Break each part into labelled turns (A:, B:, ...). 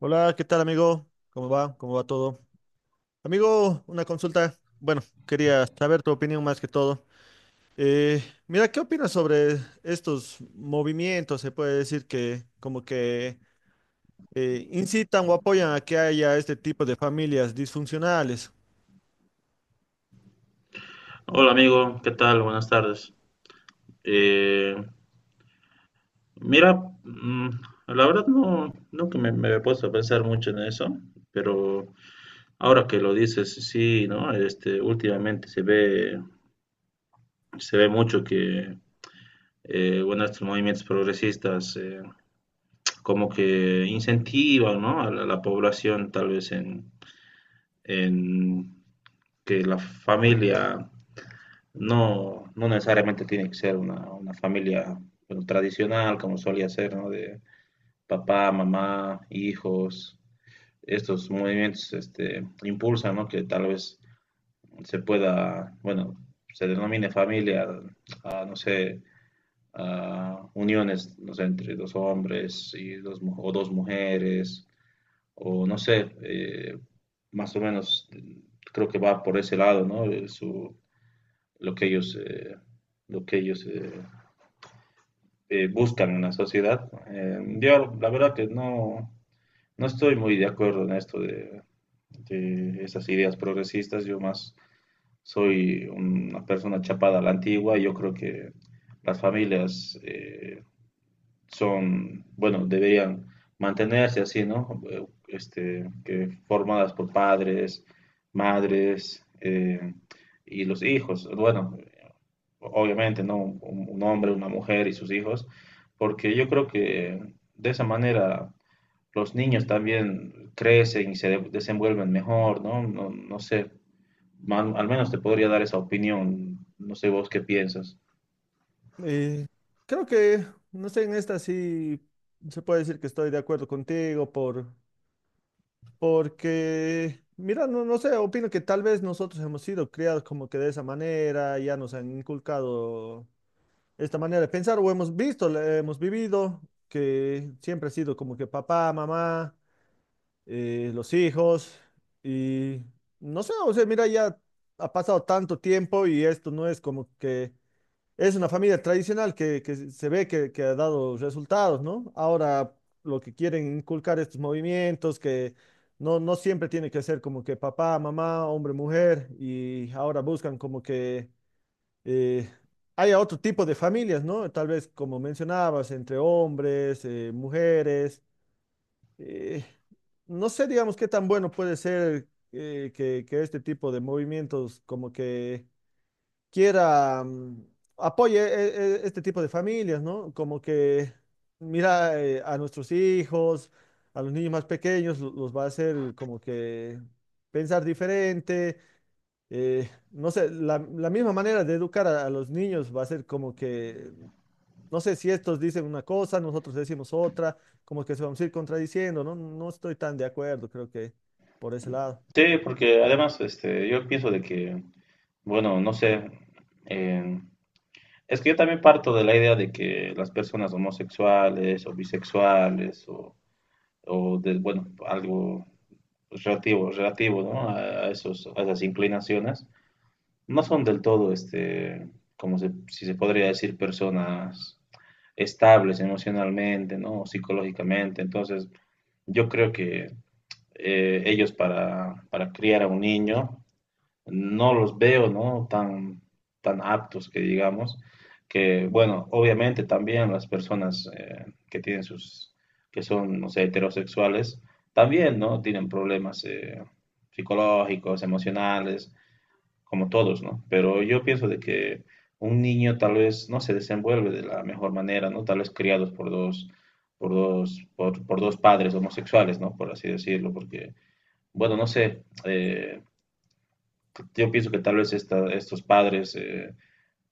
A: Hola, ¿qué tal, amigo? ¿Cómo va? ¿Cómo va todo? Amigo, una consulta. Bueno, quería saber tu opinión más que todo. Eh, Mira, ¿qué opinas sobre estos movimientos? Se puede decir que como que incitan o apoyan a que haya este tipo de familias disfuncionales.
B: Hola amigo, ¿qué tal? Buenas tardes. Eh, mira, mm, la verdad no, nunca me he puesto a pensar mucho en eso, pero ahora que lo dices, sí, ¿no? Este, últimamente se ve mucho que, bueno, estos movimientos progresistas como que incentivan, ¿no? A la población tal vez en que la familia no, no necesariamente tiene que ser una familia, bueno, tradicional, como solía ser, ¿no? De papá, mamá, hijos. Estos movimientos, este, impulsan, ¿no? Que tal vez se pueda, bueno, se denomine familia a, no sé, a uniones, no sé, entre dos hombres y dos, o dos mujeres, o no sé, más o menos creo que va por ese lado, ¿no? Lo que ellos, eh, lo que ellos buscan en la sociedad. Yo la verdad que no, no estoy muy de acuerdo en esto de esas ideas progresistas. Yo más soy una persona chapada a la antigua. Yo creo que las familias son, bueno, deberían mantenerse así, ¿no? Este, que formadas por padres, madres y los hijos. Bueno, obviamente, ¿no? Un hombre, una mujer y sus hijos, porque yo creo que de esa manera los niños también crecen y se desenvuelven mejor, ¿no? No, no sé, al menos te podría dar esa opinión, no sé vos qué piensas.
A: Eh, Creo que, no sé, en esta sí se puede decir que estoy de acuerdo contigo por. Porque, mira, no, no sé, opino que tal vez nosotros hemos sido criados como que de esa manera, ya nos han inculcado esta manera de pensar, o hemos visto, hemos vivido, que siempre ha sido como que papá, mamá, los hijos, y no sé, o sea, mira, ya ha pasado tanto tiempo y esto no es como que es una familia tradicional que se ve que ha dado resultados, ¿no? Ahora lo que quieren inculcar estos movimientos, que no, no siempre tiene que ser como que papá, mamá, hombre, mujer, y ahora buscan como que eh, haya otro tipo de familias, ¿no? Tal vez como mencionabas, entre hombres, mujeres. eh, no sé, digamos, qué tan bueno puede ser que este tipo de movimientos como que quiera, apoye este tipo de familias, ¿no? Como que mira a nuestros hijos, a los niños más pequeños, los va a hacer como que pensar diferente. No sé, la misma manera de educar a los niños va a ser como que, no sé si estos dicen una cosa, nosotros decimos otra, como que se vamos a ir contradiciendo, ¿no? No estoy tan de acuerdo, creo que por ese lado.
B: Sí, porque además, este, yo pienso de que, bueno, no sé, eh, es que yo también parto de la idea de que las personas homosexuales o bisexuales o de, bueno, algo relativo, relativo, ¿no? A esas inclinaciones. No son del todo, este, como si se podría decir, personas estables emocionalmente, ¿no? O psicológicamente. Entonces, yo creo que ellos para criar a un niño no los veo, ¿no? Tan, tan aptos, que digamos, que, bueno, obviamente también las personas que son, no sé, heterosexuales, también, ¿no? Tienen problemas psicológicos, emocionales, como todos, ¿no? Pero yo pienso de que un niño tal vez no se desenvuelve de la mejor manera, ¿no? Tal vez criados por dos padres homosexuales, ¿no? Por así decirlo, porque, bueno, no sé, yo pienso que tal vez estos padres,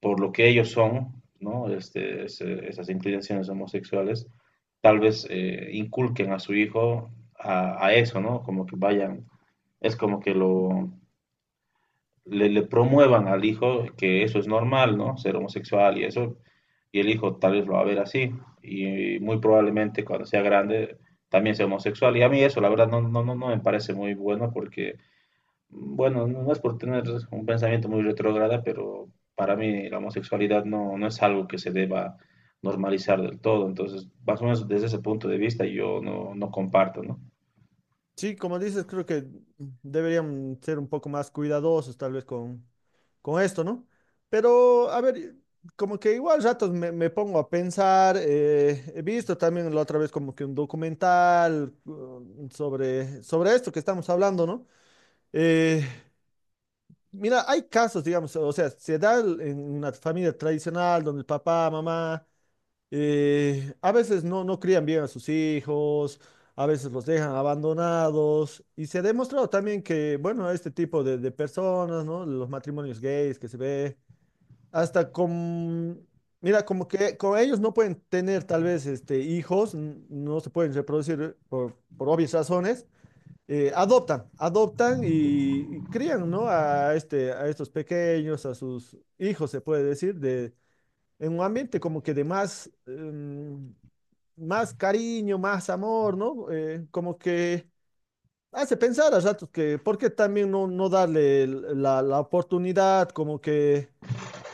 B: por lo que ellos son, ¿no? Este, esas inclinaciones homosexuales, tal vez inculquen a su hijo a eso, ¿no? Como que vayan, es como que lo, le promuevan al hijo que eso es normal, ¿no? Ser homosexual y eso, y el hijo tal vez lo va a ver así, y muy probablemente cuando sea grande también sea homosexual, y a mí eso la verdad no, no, no, no me parece muy bueno, porque, bueno, no, no es por tener un pensamiento muy retrógrada, pero para mí la homosexualidad no, no es algo que se deba normalizar del todo. Entonces, más o menos desde ese punto de vista yo no, no comparto, ¿no?
A: Sí, como dices, creo que deberían ser un poco más cuidadosos tal vez con esto, ¿no? Pero, a ver, como que igual ratos me, me pongo a pensar, he visto también la otra vez como que un documental sobre, sobre esto que estamos hablando, ¿no? Eh, Mira, hay casos, digamos, o sea, en una familia tradicional donde el papá, mamá a veces no, no crían bien a sus hijos, a veces los dejan abandonados y se ha demostrado también que, bueno, este tipo de personas, ¿no? Los matrimonios gays que se ve, hasta con, mira, como que con ellos no pueden tener tal vez este, hijos, no se pueden reproducir por obvias razones. Adoptan, adoptan y crían, ¿no? A este, a estos pequeños, a sus hijos, se puede decir, de, en un ambiente como que de más, más cariño, más amor, ¿no? Como que hace pensar a ratos que, ¿por qué también no, no darle la, la oportunidad? Como que,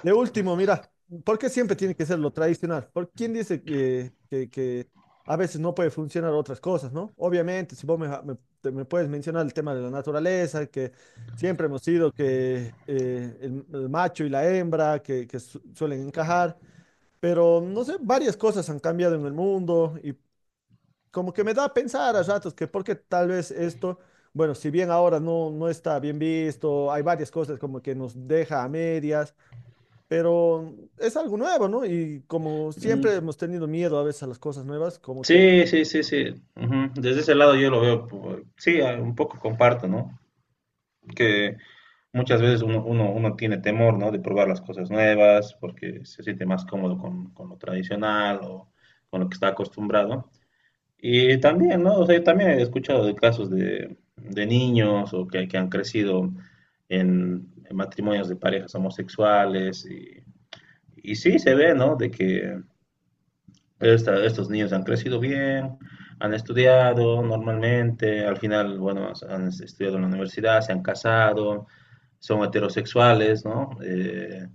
A: de último, mira, ¿por qué siempre tiene que ser lo tradicional? ¿Por quién dice que a veces no puede funcionar otras cosas, ¿no? Obviamente, si vos me, me puedes mencionar el tema de la naturaleza, que siempre hemos sido que el macho y la hembra, que suelen encajar. Pero no sé, varias cosas han cambiado en el mundo y como que me da a pensar a ratos que porque tal vez esto, bueno, si bien ahora no, no está bien visto, hay varias cosas como que nos deja a medias, pero es algo nuevo, ¿no? Y como
B: Mm,
A: siempre hemos tenido miedo a veces a las cosas nuevas, como que
B: sí, sí, sí, sí. Ujú, desde ese lado yo lo veo, sí, un poco comparto, ¿no? Que muchas veces uno tiene temor, ¿no? De probar las cosas nuevas porque se siente más cómodo con lo tradicional o con lo que está acostumbrado. Y también, ¿no? O sea, también he escuchado de casos de niños o que han crecido en matrimonios de parejas homosexuales y sí se ve, ¿no? De que estos niños han crecido bien, han estudiado normalmente, al final, bueno, han estudiado en la universidad, se han casado, son heterosexuales, ¿no?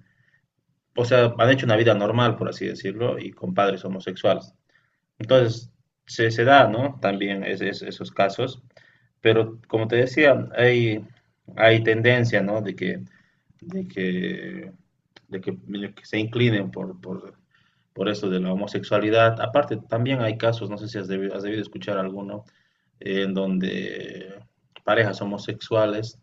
B: O sea, han hecho una vida normal, por así decirlo, y con padres homosexuales. Entonces, se da, ¿no? También esos casos. Pero como te decía, hay tendencia, ¿no? De que, de que, medio que se inclinen por esto de la homosexualidad. Aparte, también hay casos, no sé si has debido escuchar alguno, en donde parejas homosexuales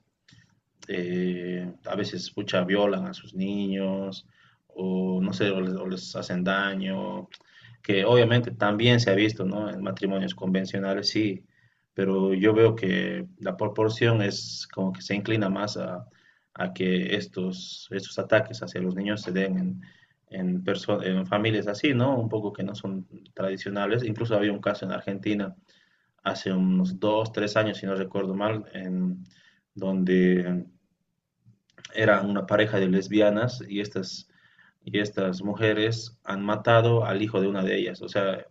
B: a veces, pucha, violan a sus niños, o no sé, o les hacen daño, que obviamente también se ha visto, ¿no? En matrimonios convencionales, sí, pero yo veo que la proporción es como que se inclina más a que estos ataques hacia los niños se den en familias así, ¿no? Un poco que no son tradicionales. Incluso había un caso en Argentina hace unos dos, tres años, si no recuerdo mal, en donde eran una pareja de lesbianas y estas mujeres han matado al hijo de una de ellas. O sea,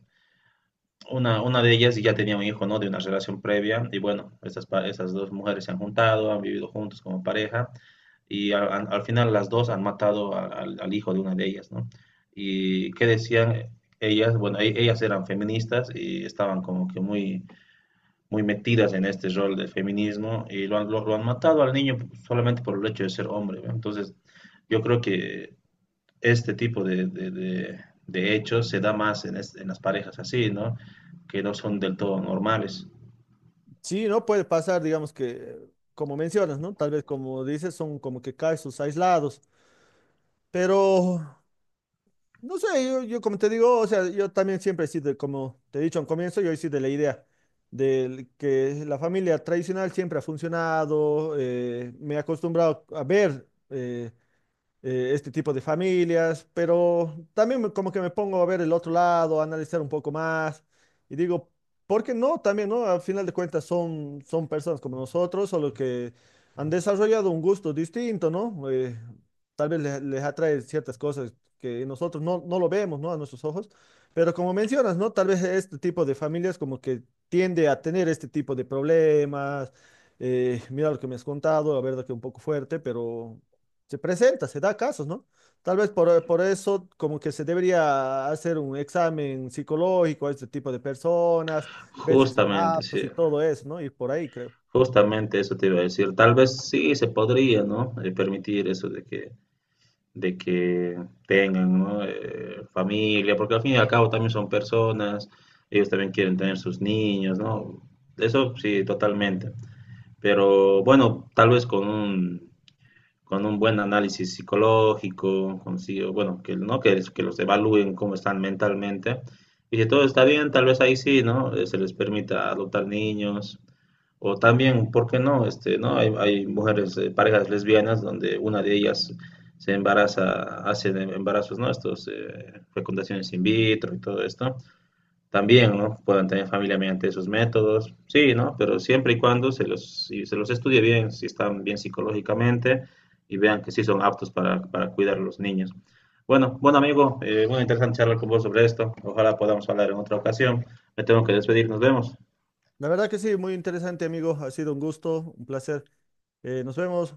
B: una de ellas ya tenía un hijo, ¿no? De una relación previa y, bueno, estas dos mujeres se han juntado, han vivido juntos como pareja y al final las dos han matado al hijo de una de ellas, ¿no? Y qué decían ellas, bueno, ellas eran feministas y estaban como que muy muy metidas en este rol de feminismo y lo han matado al niño solamente por el hecho de ser hombre, ¿no? Entonces, yo creo que este tipo de hechos se da más en las parejas así, ¿no? Que no son del todo normales.
A: sí, ¿no? Puede pasar, digamos que, como mencionas, ¿no? Tal vez como dices, son como que casos aislados, pero no sé, yo como te digo, o sea, yo también siempre he sido, como te he dicho al comienzo, yo he sido de la idea de que la familia tradicional siempre ha funcionado, me he acostumbrado a ver. Este tipo de familias, pero también como que me pongo a ver el otro lado, a analizar un poco más y digo, ¿por qué no? También, ¿no? Al final de cuentas son, son personas como nosotros, solo que han desarrollado un gusto distinto, ¿no? Tal vez les, les atrae ciertas cosas que nosotros no, no lo vemos, ¿no? A nuestros ojos, pero como mencionas, ¿no? Tal vez este tipo de familias como que tiende a tener este tipo de problemas. Mira lo que me has contado, la verdad que un poco fuerte, pero se presenta, se da casos, ¿no? Tal vez por eso como que se debería hacer un examen psicológico a este tipo de personas, ver si son
B: Justamente,
A: aptos
B: sí.
A: y todo eso, ¿no? Y por ahí creo.
B: Justamente eso te iba a decir. Tal vez sí se podría, ¿no? Permitir eso de que tengan, ¿no? Familia, porque al fin y al cabo también son personas, ellos también quieren tener sus niños, ¿no? Eso sí, totalmente. Pero, bueno, tal vez con un buen análisis psicológico, consigo, bueno, que, ¿no? que los evalúen cómo están mentalmente. Y si todo está bien, tal vez ahí sí, ¿no? Se les permita adoptar niños, o también, ¿por qué no? Este, ¿no? Hay mujeres, parejas lesbianas donde una de ellas se embaraza, hace embarazos, ¿no? Estos, fecundaciones in vitro y todo esto. También, ¿no? Puedan tener familia mediante esos métodos. Sí, ¿no? Pero siempre y cuando si se los estudie bien, si están bien psicológicamente y vean que sí son aptos para cuidar a los niños. Bueno, bueno amigo, bueno, interesante charlar con vos sobre esto. Ojalá podamos hablar en otra ocasión. Me tengo que despedir, nos vemos.
A: La verdad que sí, muy interesante, amigo. Ha sido un gusto, un placer. Nos vemos.